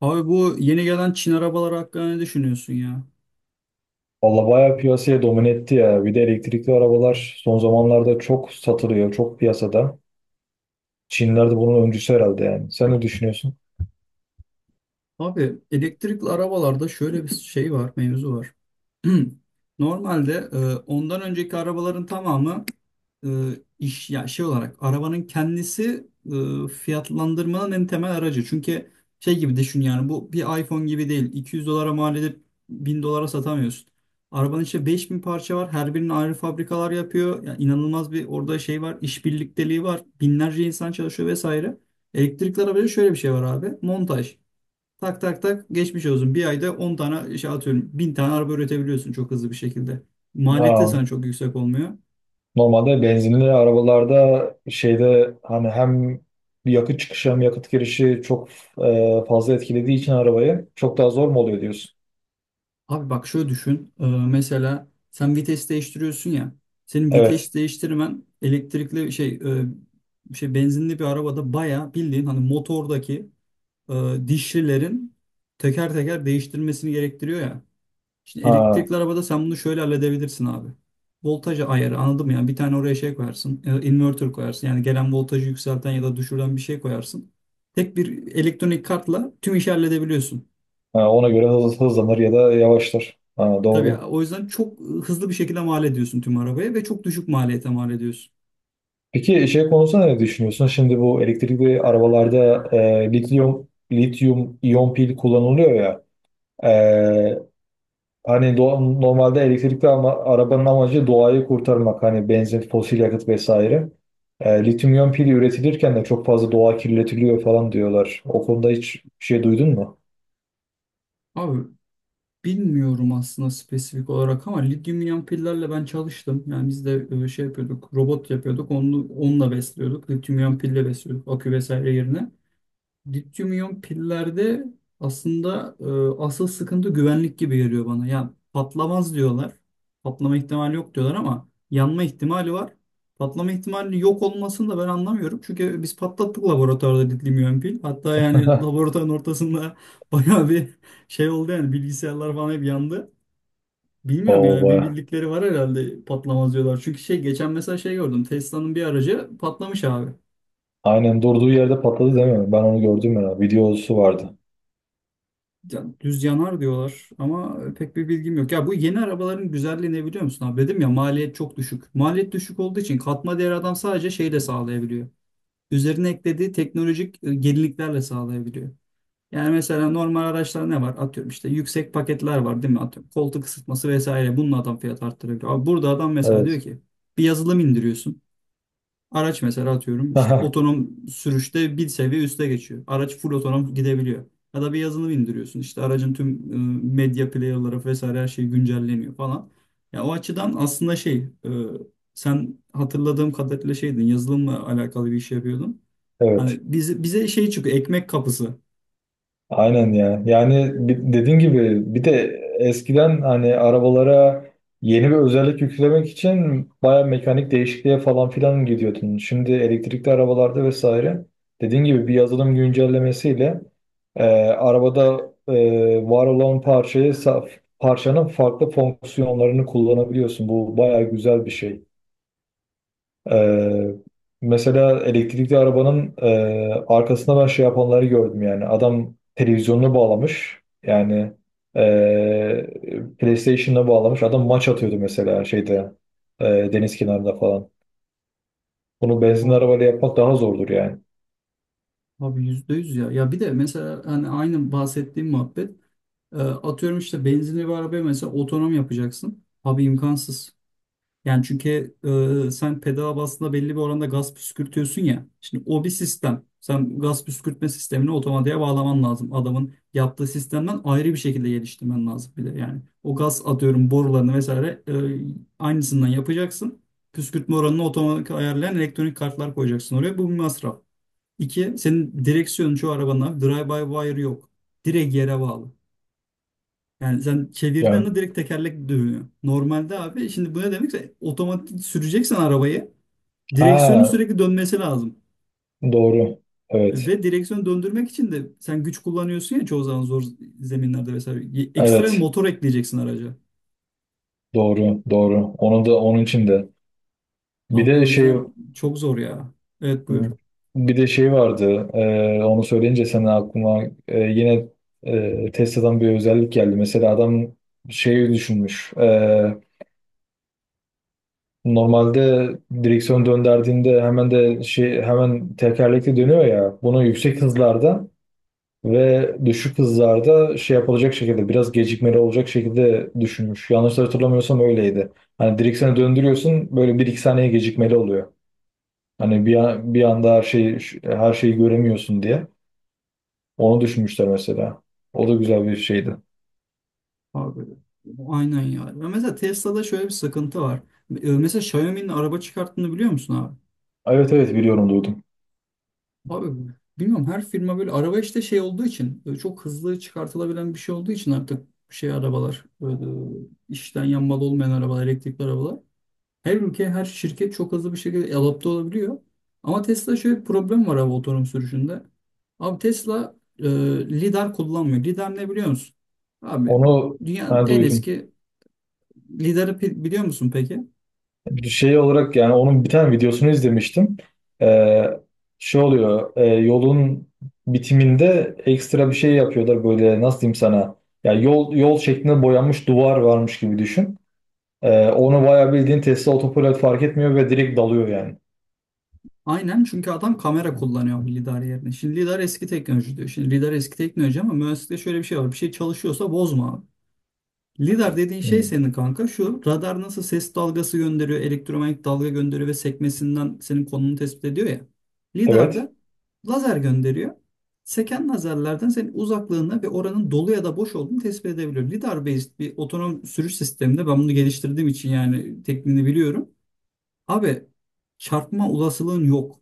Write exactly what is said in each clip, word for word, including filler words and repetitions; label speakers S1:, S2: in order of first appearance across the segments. S1: Abi bu yeni gelen Çin arabaları hakkında ne düşünüyorsun ya?
S2: Valla bayağı piyasaya domine etti ya. Bir de elektrikli arabalar son zamanlarda çok satılıyor, çok piyasada. Çinler de bunun öncüsü herhalde yani. Sen ne düşünüyorsun?
S1: Abi elektrikli arabalarda şöyle bir şey var, mevzu var. Normalde e, ondan önceki arabaların tamamı e, iş ya şey olarak arabanın kendisi e, fiyatlandırmanın en temel aracı. Çünkü şey gibi düşün yani bu bir iPhone gibi değil. iki yüz dolara mal edip bin dolara satamıyorsun. Arabanın içinde beş bin parça var. Her birinin ayrı fabrikalar yapıyor. Yani inanılmaz bir orada şey var. İş birlikteliği var. Binlerce insan çalışıyor vesaire. Elektrikli arabada şöyle bir şey var abi. Montaj. Tak tak tak geçmiş olsun. Bir ayda on tane şey atıyorum. Bin tane araba üretebiliyorsun çok hızlı bir şekilde. Maliyeti de
S2: Aa,
S1: sana çok yüksek olmuyor.
S2: Normalde benzinli arabalarda şeyde hani hem yakıt çıkışı hem yakıt girişi çok e, fazla etkilediği için arabayı çok daha zor mu oluyor diyorsun?
S1: Abi bak şöyle düşün. Ee, mesela sen vites değiştiriyorsun ya. Senin
S2: Evet.
S1: vites değiştirmen elektrikli şey e, şey benzinli bir arabada bayağı bildiğin hani motordaki e, dişlilerin teker teker değiştirmesini gerektiriyor ya. Şimdi
S2: Ha,
S1: elektrikli arabada sen bunu şöyle halledebilirsin abi. Voltaj ayarı anladın mı? Yani bir tane oraya şey koyarsın. e, Inverter koyarsın. Yani gelen voltajı yükselten ya da düşüren bir şey koyarsın. Tek bir elektronik kartla tüm işi halledebiliyorsun.
S2: ha, ona göre hız, hızlanır ya da yavaşlar. Ha,
S1: Tabii
S2: doğru.
S1: o yüzden çok hızlı bir şekilde mal ediyorsun tüm arabaya ve çok düşük maliyete mal ediyorsun.
S2: Peki şey konusunda ne düşünüyorsun? Şimdi bu elektrikli arabalarda e, lityum lityum iyon pil kullanılıyor ya. e, Hani doğa- normalde elektrikli ama arabanın amacı doğayı kurtarmak. Hani benzin, fosil yakıt vesaire. E, lityum iyon pili üretilirken de çok fazla doğa kirletiliyor falan diyorlar. O konuda hiç bir şey duydun mu?
S1: Abi bilmiyorum aslında spesifik olarak ama lityum iyon pillerle ben çalıştım. Yani biz de e, şey yapıyorduk, robot yapıyorduk. Onu, onunla besliyorduk. Lityum iyon pille besliyorduk akü vesaire yerine. Lityum iyon pillerde aslında e, asıl sıkıntı güvenlik gibi geliyor bana. Yani patlamaz diyorlar. Patlama ihtimali yok diyorlar ama yanma ihtimali var. Patlama ihtimali yok olmasını da ben anlamıyorum. Çünkü biz patlattık laboratuvarda lityum iyon pil. Hatta yani laboratuvarın ortasında bayağı bir şey oldu yani bilgisayarlar falan hep yandı. Bilmiyorum
S2: Oo
S1: yani bir
S2: baya.
S1: bildikleri var herhalde patlamaz diyorlar. Çünkü şey geçen mesela şey gördüm. Tesla'nın bir aracı patlamış abi.
S2: Aynen durduğu yerde patladı değil mi? Ben onu gördüm ya. Videosu vardı.
S1: Ya, düz yanar diyorlar ama e, pek bir bilgim yok. Ya bu yeni arabaların güzelliği ne biliyor musun abi? Dedim ya maliyet çok düşük. Maliyet düşük olduğu için katma değer adam sadece şeyle sağlayabiliyor. Üzerine eklediği teknolojik e, yeniliklerle sağlayabiliyor. Yani mesela normal araçlar ne var? Atıyorum işte yüksek paketler var değil mi? Atıyorum koltuk ısıtması vesaire. Bununla adam fiyat arttırabiliyor. Abi burada adam mesela diyor
S2: Evet.
S1: ki bir yazılım indiriyorsun. Araç mesela atıyorum işte otonom sürüşte bir seviye üste geçiyor. Araç full otonom gidebiliyor. Ya da bir yazılım indiriyorsun işte aracın tüm e, medya player'ları vesaire her şey güncelleniyor falan. Ya o açıdan aslında şey e, sen hatırladığım kadarıyla şeydin yazılımla alakalı bir iş yapıyordun. Hani
S2: Evet.
S1: bize, bize şey çıkıyor ekmek kapısı.
S2: Aynen ya. Yani bi- dediğin gibi bir de eskiden hani arabalara yeni bir özellik yüklemek için baya mekanik değişikliğe falan filan gidiyordun. Şimdi elektrikli arabalarda vesaire dediğin gibi bir yazılım güncellemesiyle e, arabada e, var olan parçayı saf, parçanın farklı fonksiyonlarını kullanabiliyorsun. Bu baya güzel bir şey. Ee, mesela elektrikli arabanın e, arkasında ben şey yapanları gördüm yani. Adam televizyonunu bağlamış. Yani e, PlayStation'ına bağlamış. Adam maç atıyordu mesela şeyde e, deniz kenarında falan. Bunu benzinli
S1: Abi
S2: arabayla yapmak daha zordur yani.
S1: abi yüzde yüz ya. Ya bir de mesela hani aynı bahsettiğim muhabbet e, atıyorum işte benzinli bir arabaya mesela otonom yapacaksın. Abi imkansız. Yani çünkü e, sen pedala bastığında belli bir oranda gaz püskürtüyorsun ya. Şimdi o bir sistem. Sen gaz püskürtme sistemini otomatiğe bağlaman lazım. Adamın yaptığı sistemden ayrı bir şekilde geliştirmen lazım bir de yani. O gaz atıyorum borularını vesaire e, aynısından yapacaksın. Püskürtme oranını otomatik ayarlayan elektronik kartlar koyacaksın oraya. Bu bir masraf. İki, senin direksiyonun çoğu arabanın abi drive-by-wire yok. Direkt yere bağlı. Yani sen çevirdiğin
S2: Yani,
S1: anda direkt tekerlek dönüyor. Normalde abi şimdi bu ne demekse otomatik süreceksen arabayı direksiyonun
S2: ha
S1: sürekli dönmesi lazım.
S2: doğru. Evet.
S1: Ve direksiyonu döndürmek için de sen güç kullanıyorsun ya çoğu zaman zor zeminlerde vesaire. Y- Ekstra bir
S2: Evet.
S1: motor ekleyeceksin araca.
S2: Doğru. Doğru. Onu da onun için de. Bir
S1: Abi
S2: de
S1: o
S2: şey
S1: yüzden çok zor ya. Evet buyur.
S2: Bir de şey vardı. Ee, onu söyleyince sen aklıma e, yine e, Tesla'dan bir özellik geldi. Mesela adam şey düşünmüş. Ee, normalde direksiyon döndürdüğünde hemen de şey hemen tekerlekli dönüyor ya. Bunu yüksek hızlarda Ve düşük hızlarda şey yapılacak şekilde biraz gecikmeli olacak şekilde düşünmüş. Yanlış hatırlamıyorsam öyleydi. Hani direksiyonu döndürüyorsun böyle bir iki saniye gecikmeli oluyor. Hani bir, an- bir anda her şeyi her şeyi göremiyorsun diye. Onu düşünmüşler mesela. O da güzel bir şeydi.
S1: Abi aynen ya. Ve mesela Tesla'da şöyle bir sıkıntı var. Ee, Mesela Xiaomi'nin araba çıkarttığını biliyor musun abi?
S2: Evet evet biliyorum duydum.
S1: Abi bilmiyorum her firma böyle araba işte şey olduğu için e, çok hızlı çıkartılabilen bir şey olduğu için artık şey arabalar böyle e, işten yanmalı olmayan arabalar elektrikli arabalar. Her ülke her şirket çok hızlı bir şekilde adapte olabiliyor. Ama Tesla şöyle bir problem var abi otonom sürüşünde. Abi Tesla e, lidar kullanmıyor. Lidar ne biliyor musun? Abi
S2: Onu
S1: dünyanın
S2: ben
S1: en
S2: duydum.
S1: eski lidarı pi- biliyor musun peki?
S2: Şey olarak yani onun bir tane videosunu izlemiştim. Ee, şey oluyor e, yolun bitiminde ekstra bir şey yapıyorlar böyle nasıl diyeyim sana ya yol yol şeklinde boyanmış duvar varmış gibi düşün. Ee, onu bayağı bildiğin Tesla otopilot fark etmiyor ve direkt dalıyor yani.
S1: Aynen çünkü adam kamera kullanıyor lidar yerine. Şimdi lidar eski teknoloji diyor. Şimdi lidar eski teknoloji ama mühendislikte şöyle bir şey var. Bir şey çalışıyorsa bozma abi. Lidar dediğin şey
S2: Hmm.
S1: senin kanka şu radar nasıl ses dalgası gönderiyor, elektromanyetik dalga gönderiyor ve sekmesinden senin konunu tespit ediyor ya. Lidar
S2: Evet,
S1: da lazer gönderiyor. Seken lazerlerden senin uzaklığını ve oranın dolu ya da boş olduğunu tespit edebiliyor. Lidar based bir otonom sürüş sisteminde ben bunu geliştirdiğim için yani tekniğini biliyorum. Abi çarpma olasılığın yok.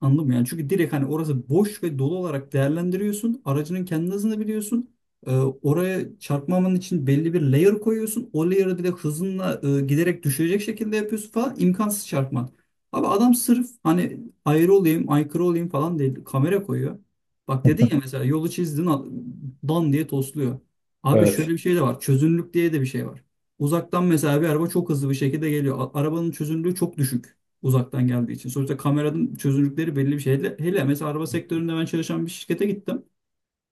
S1: Anladın mı? Yani çünkü direkt hani orası boş ve dolu olarak değerlendiriyorsun. Aracının kendi hızını biliyorsun. Ee, oraya çarpmaman için belli bir layer koyuyorsun. O layer'ı direkt hızınla e, giderek düşürecek şekilde yapıyorsun falan. İmkansız çarpman. Abi adam sırf hani ayrı olayım, aykırı olayım falan değil. Kamera koyuyor. Bak dedin ya mesela yolu çizdin al- dan diye tosluyor. Abi şöyle
S2: evet.
S1: bir şey de var. Çözünürlük diye de bir şey var. Uzaktan mesela bir araba çok hızlı bir şekilde geliyor. A- Arabanın çözünürlüğü çok düşük uzaktan geldiği için. Sonuçta kameranın çözünürlükleri belli bir şey. Hele, hele mesela araba sektöründe ben çalışan bir şirkete gittim.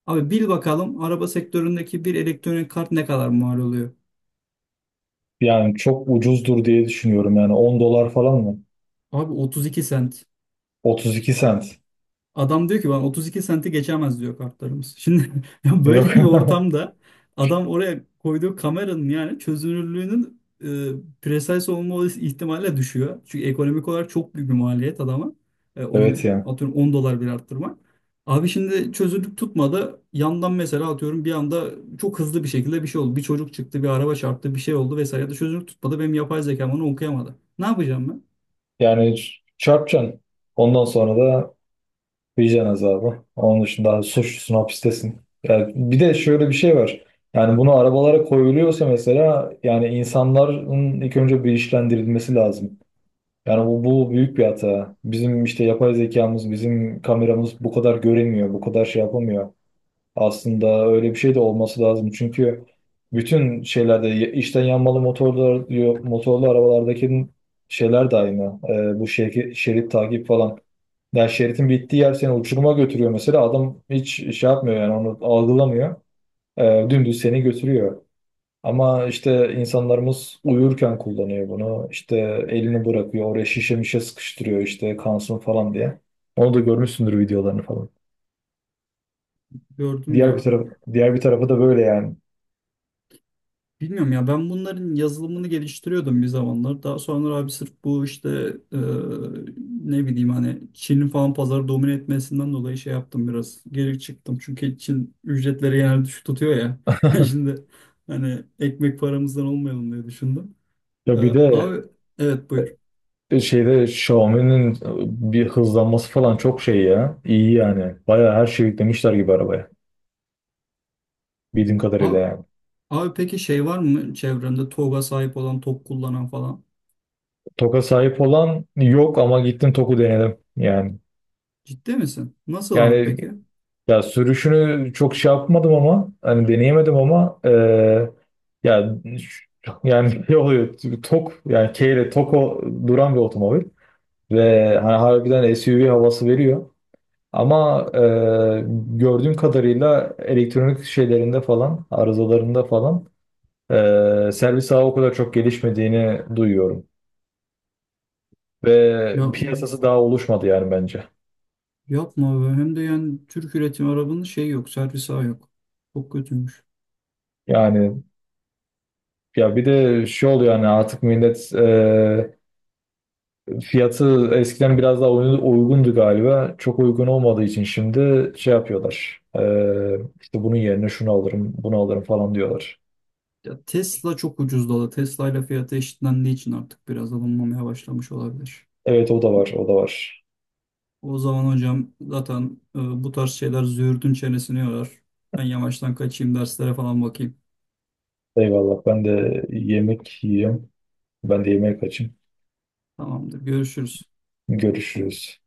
S1: Abi bil bakalım araba sektöründeki bir elektronik kart ne kadar mal oluyor?
S2: Yani çok ucuzdur diye düşünüyorum yani on dolar falan mı?
S1: Abi otuz iki sent.
S2: otuz iki sent.
S1: Adam diyor ki bana otuz iki senti geçemez diyor kartlarımız. Şimdi ya böyle
S2: Yok.
S1: bir ortamda adam oraya koyduğu kameranın yani çözünürlüğünün e, precise olma olasılığı ihtimalle düşüyor. Çünkü ekonomik olarak çok büyük bir maliyet adama. E,
S2: Evet
S1: onun
S2: ya.
S1: atıyorum on dolar bile arttırmak. Abi şimdi çözünürlük tutmadı. Yandan mesela atıyorum bir anda çok hızlı bir şekilde bir şey oldu. Bir çocuk çıktı, bir araba çarptı, bir şey oldu vesaire ya da çözünürlük tutmadı. Benim yapay zekam onu okuyamadı. Ne yapacağım ben?
S2: Yani ç- çarpacaksın. Ondan sonra da vicdan azabı. Onun dışında suçlusun hapistesin. Yani bir de şöyle bir şey var. Yani bunu arabalara koyuluyorsa mesela yani insanların ilk önce bilinçlendirilmesi lazım. Yani bu, bu büyük bir hata. Bizim işte yapay zekamız, bizim kameramız bu kadar göremiyor, bu kadar şey yapamıyor. Aslında öyle bir şey de olması lazım. Çünkü bütün şeylerde ya- içten yanmalı motorlar diyor, motorlu arabalardaki şeyler de aynı. Ee, bu şer- şerit takip falan. Yani şeritin bittiği yer seni uçuruma götürüyor mesela. Adam hiç şey yapmıyor yani onu algılamıyor. Ee, dümdüz seni götürüyor. Ama işte insanlarımız uyurken kullanıyor bunu. İşte elini bırakıyor oraya şişe mişe sıkıştırıyor işte kansın falan diye. Onu da görmüşsündür videolarını falan.
S1: Gördüm
S2: Diğer bir
S1: ya.
S2: taraf, diğer bir tarafı da böyle yani.
S1: Bilmiyorum ya ben bunların yazılımını geliştiriyordum bir zamanlar. Daha sonra abi sırf bu işte e, ne bileyim hani Çin'in falan pazarı domine etmesinden dolayı şey yaptım biraz. Geri çıktım. Çünkü Çin ücretleri genelde düşük tutuyor ya. Şimdi hani ekmek paramızdan olmayalım diye düşündüm. E,
S2: Ya bir de
S1: Abi evet buyur.
S2: e, şeyde Xiaomi'nin e, bir hızlanması falan çok şey ya. İyi yani. Bayağı her şeyi yüklemişler gibi arabaya. Bildiğim kadarıyla
S1: Abi,
S2: yani.
S1: abi peki şey var mı çevrende TOG'a sahip olan, top kullanan falan?
S2: TOG'a sahip olan yok ama gittim Toku denedim yani.
S1: Ciddi misin? Nasıl abi
S2: Yani
S1: peki?
S2: ya sürüşünü çok şey yapmadım ama hani deneyemedim ama eee ya yani ne oluyor? TOG yani K ile TOG'u duran bir otomobil ve hani harbiden S U V havası veriyor. Ama e, gördüğüm kadarıyla elektronik şeylerinde falan, arızalarında falan e, servis ağı o kadar çok gelişmediğini duyuyorum. Ve
S1: Ya
S2: piyasası daha oluşmadı yani bence.
S1: yapma be. Hem de yani Türk üretim arabanın şey yok, servis ağı yok. Çok kötüymüş.
S2: Yani ya bir de şey oluyor yani artık millet e, fiyatı eskiden biraz daha uy- uygundu galiba. Çok uygun olmadığı için şimdi şey yapıyorlar. E, işte bunun yerine şunu alırım, bunu alırım falan diyorlar.
S1: Ya Tesla çok ucuzladı. Tesla ile fiyatı eşitlendiği için artık biraz alınmamaya başlamış olabilir.
S2: Evet o da var, o da var.
S1: O zaman hocam zaten e, bu tarz şeyler züğürdün çenesini yorar. Ben yavaştan kaçayım derslere falan bakayım.
S2: Eyvallah ben de yemek yiyeyim. Ben de yemeğe kaçayım.
S1: Tamamdır. Görüşürüz.
S2: Görüşürüz.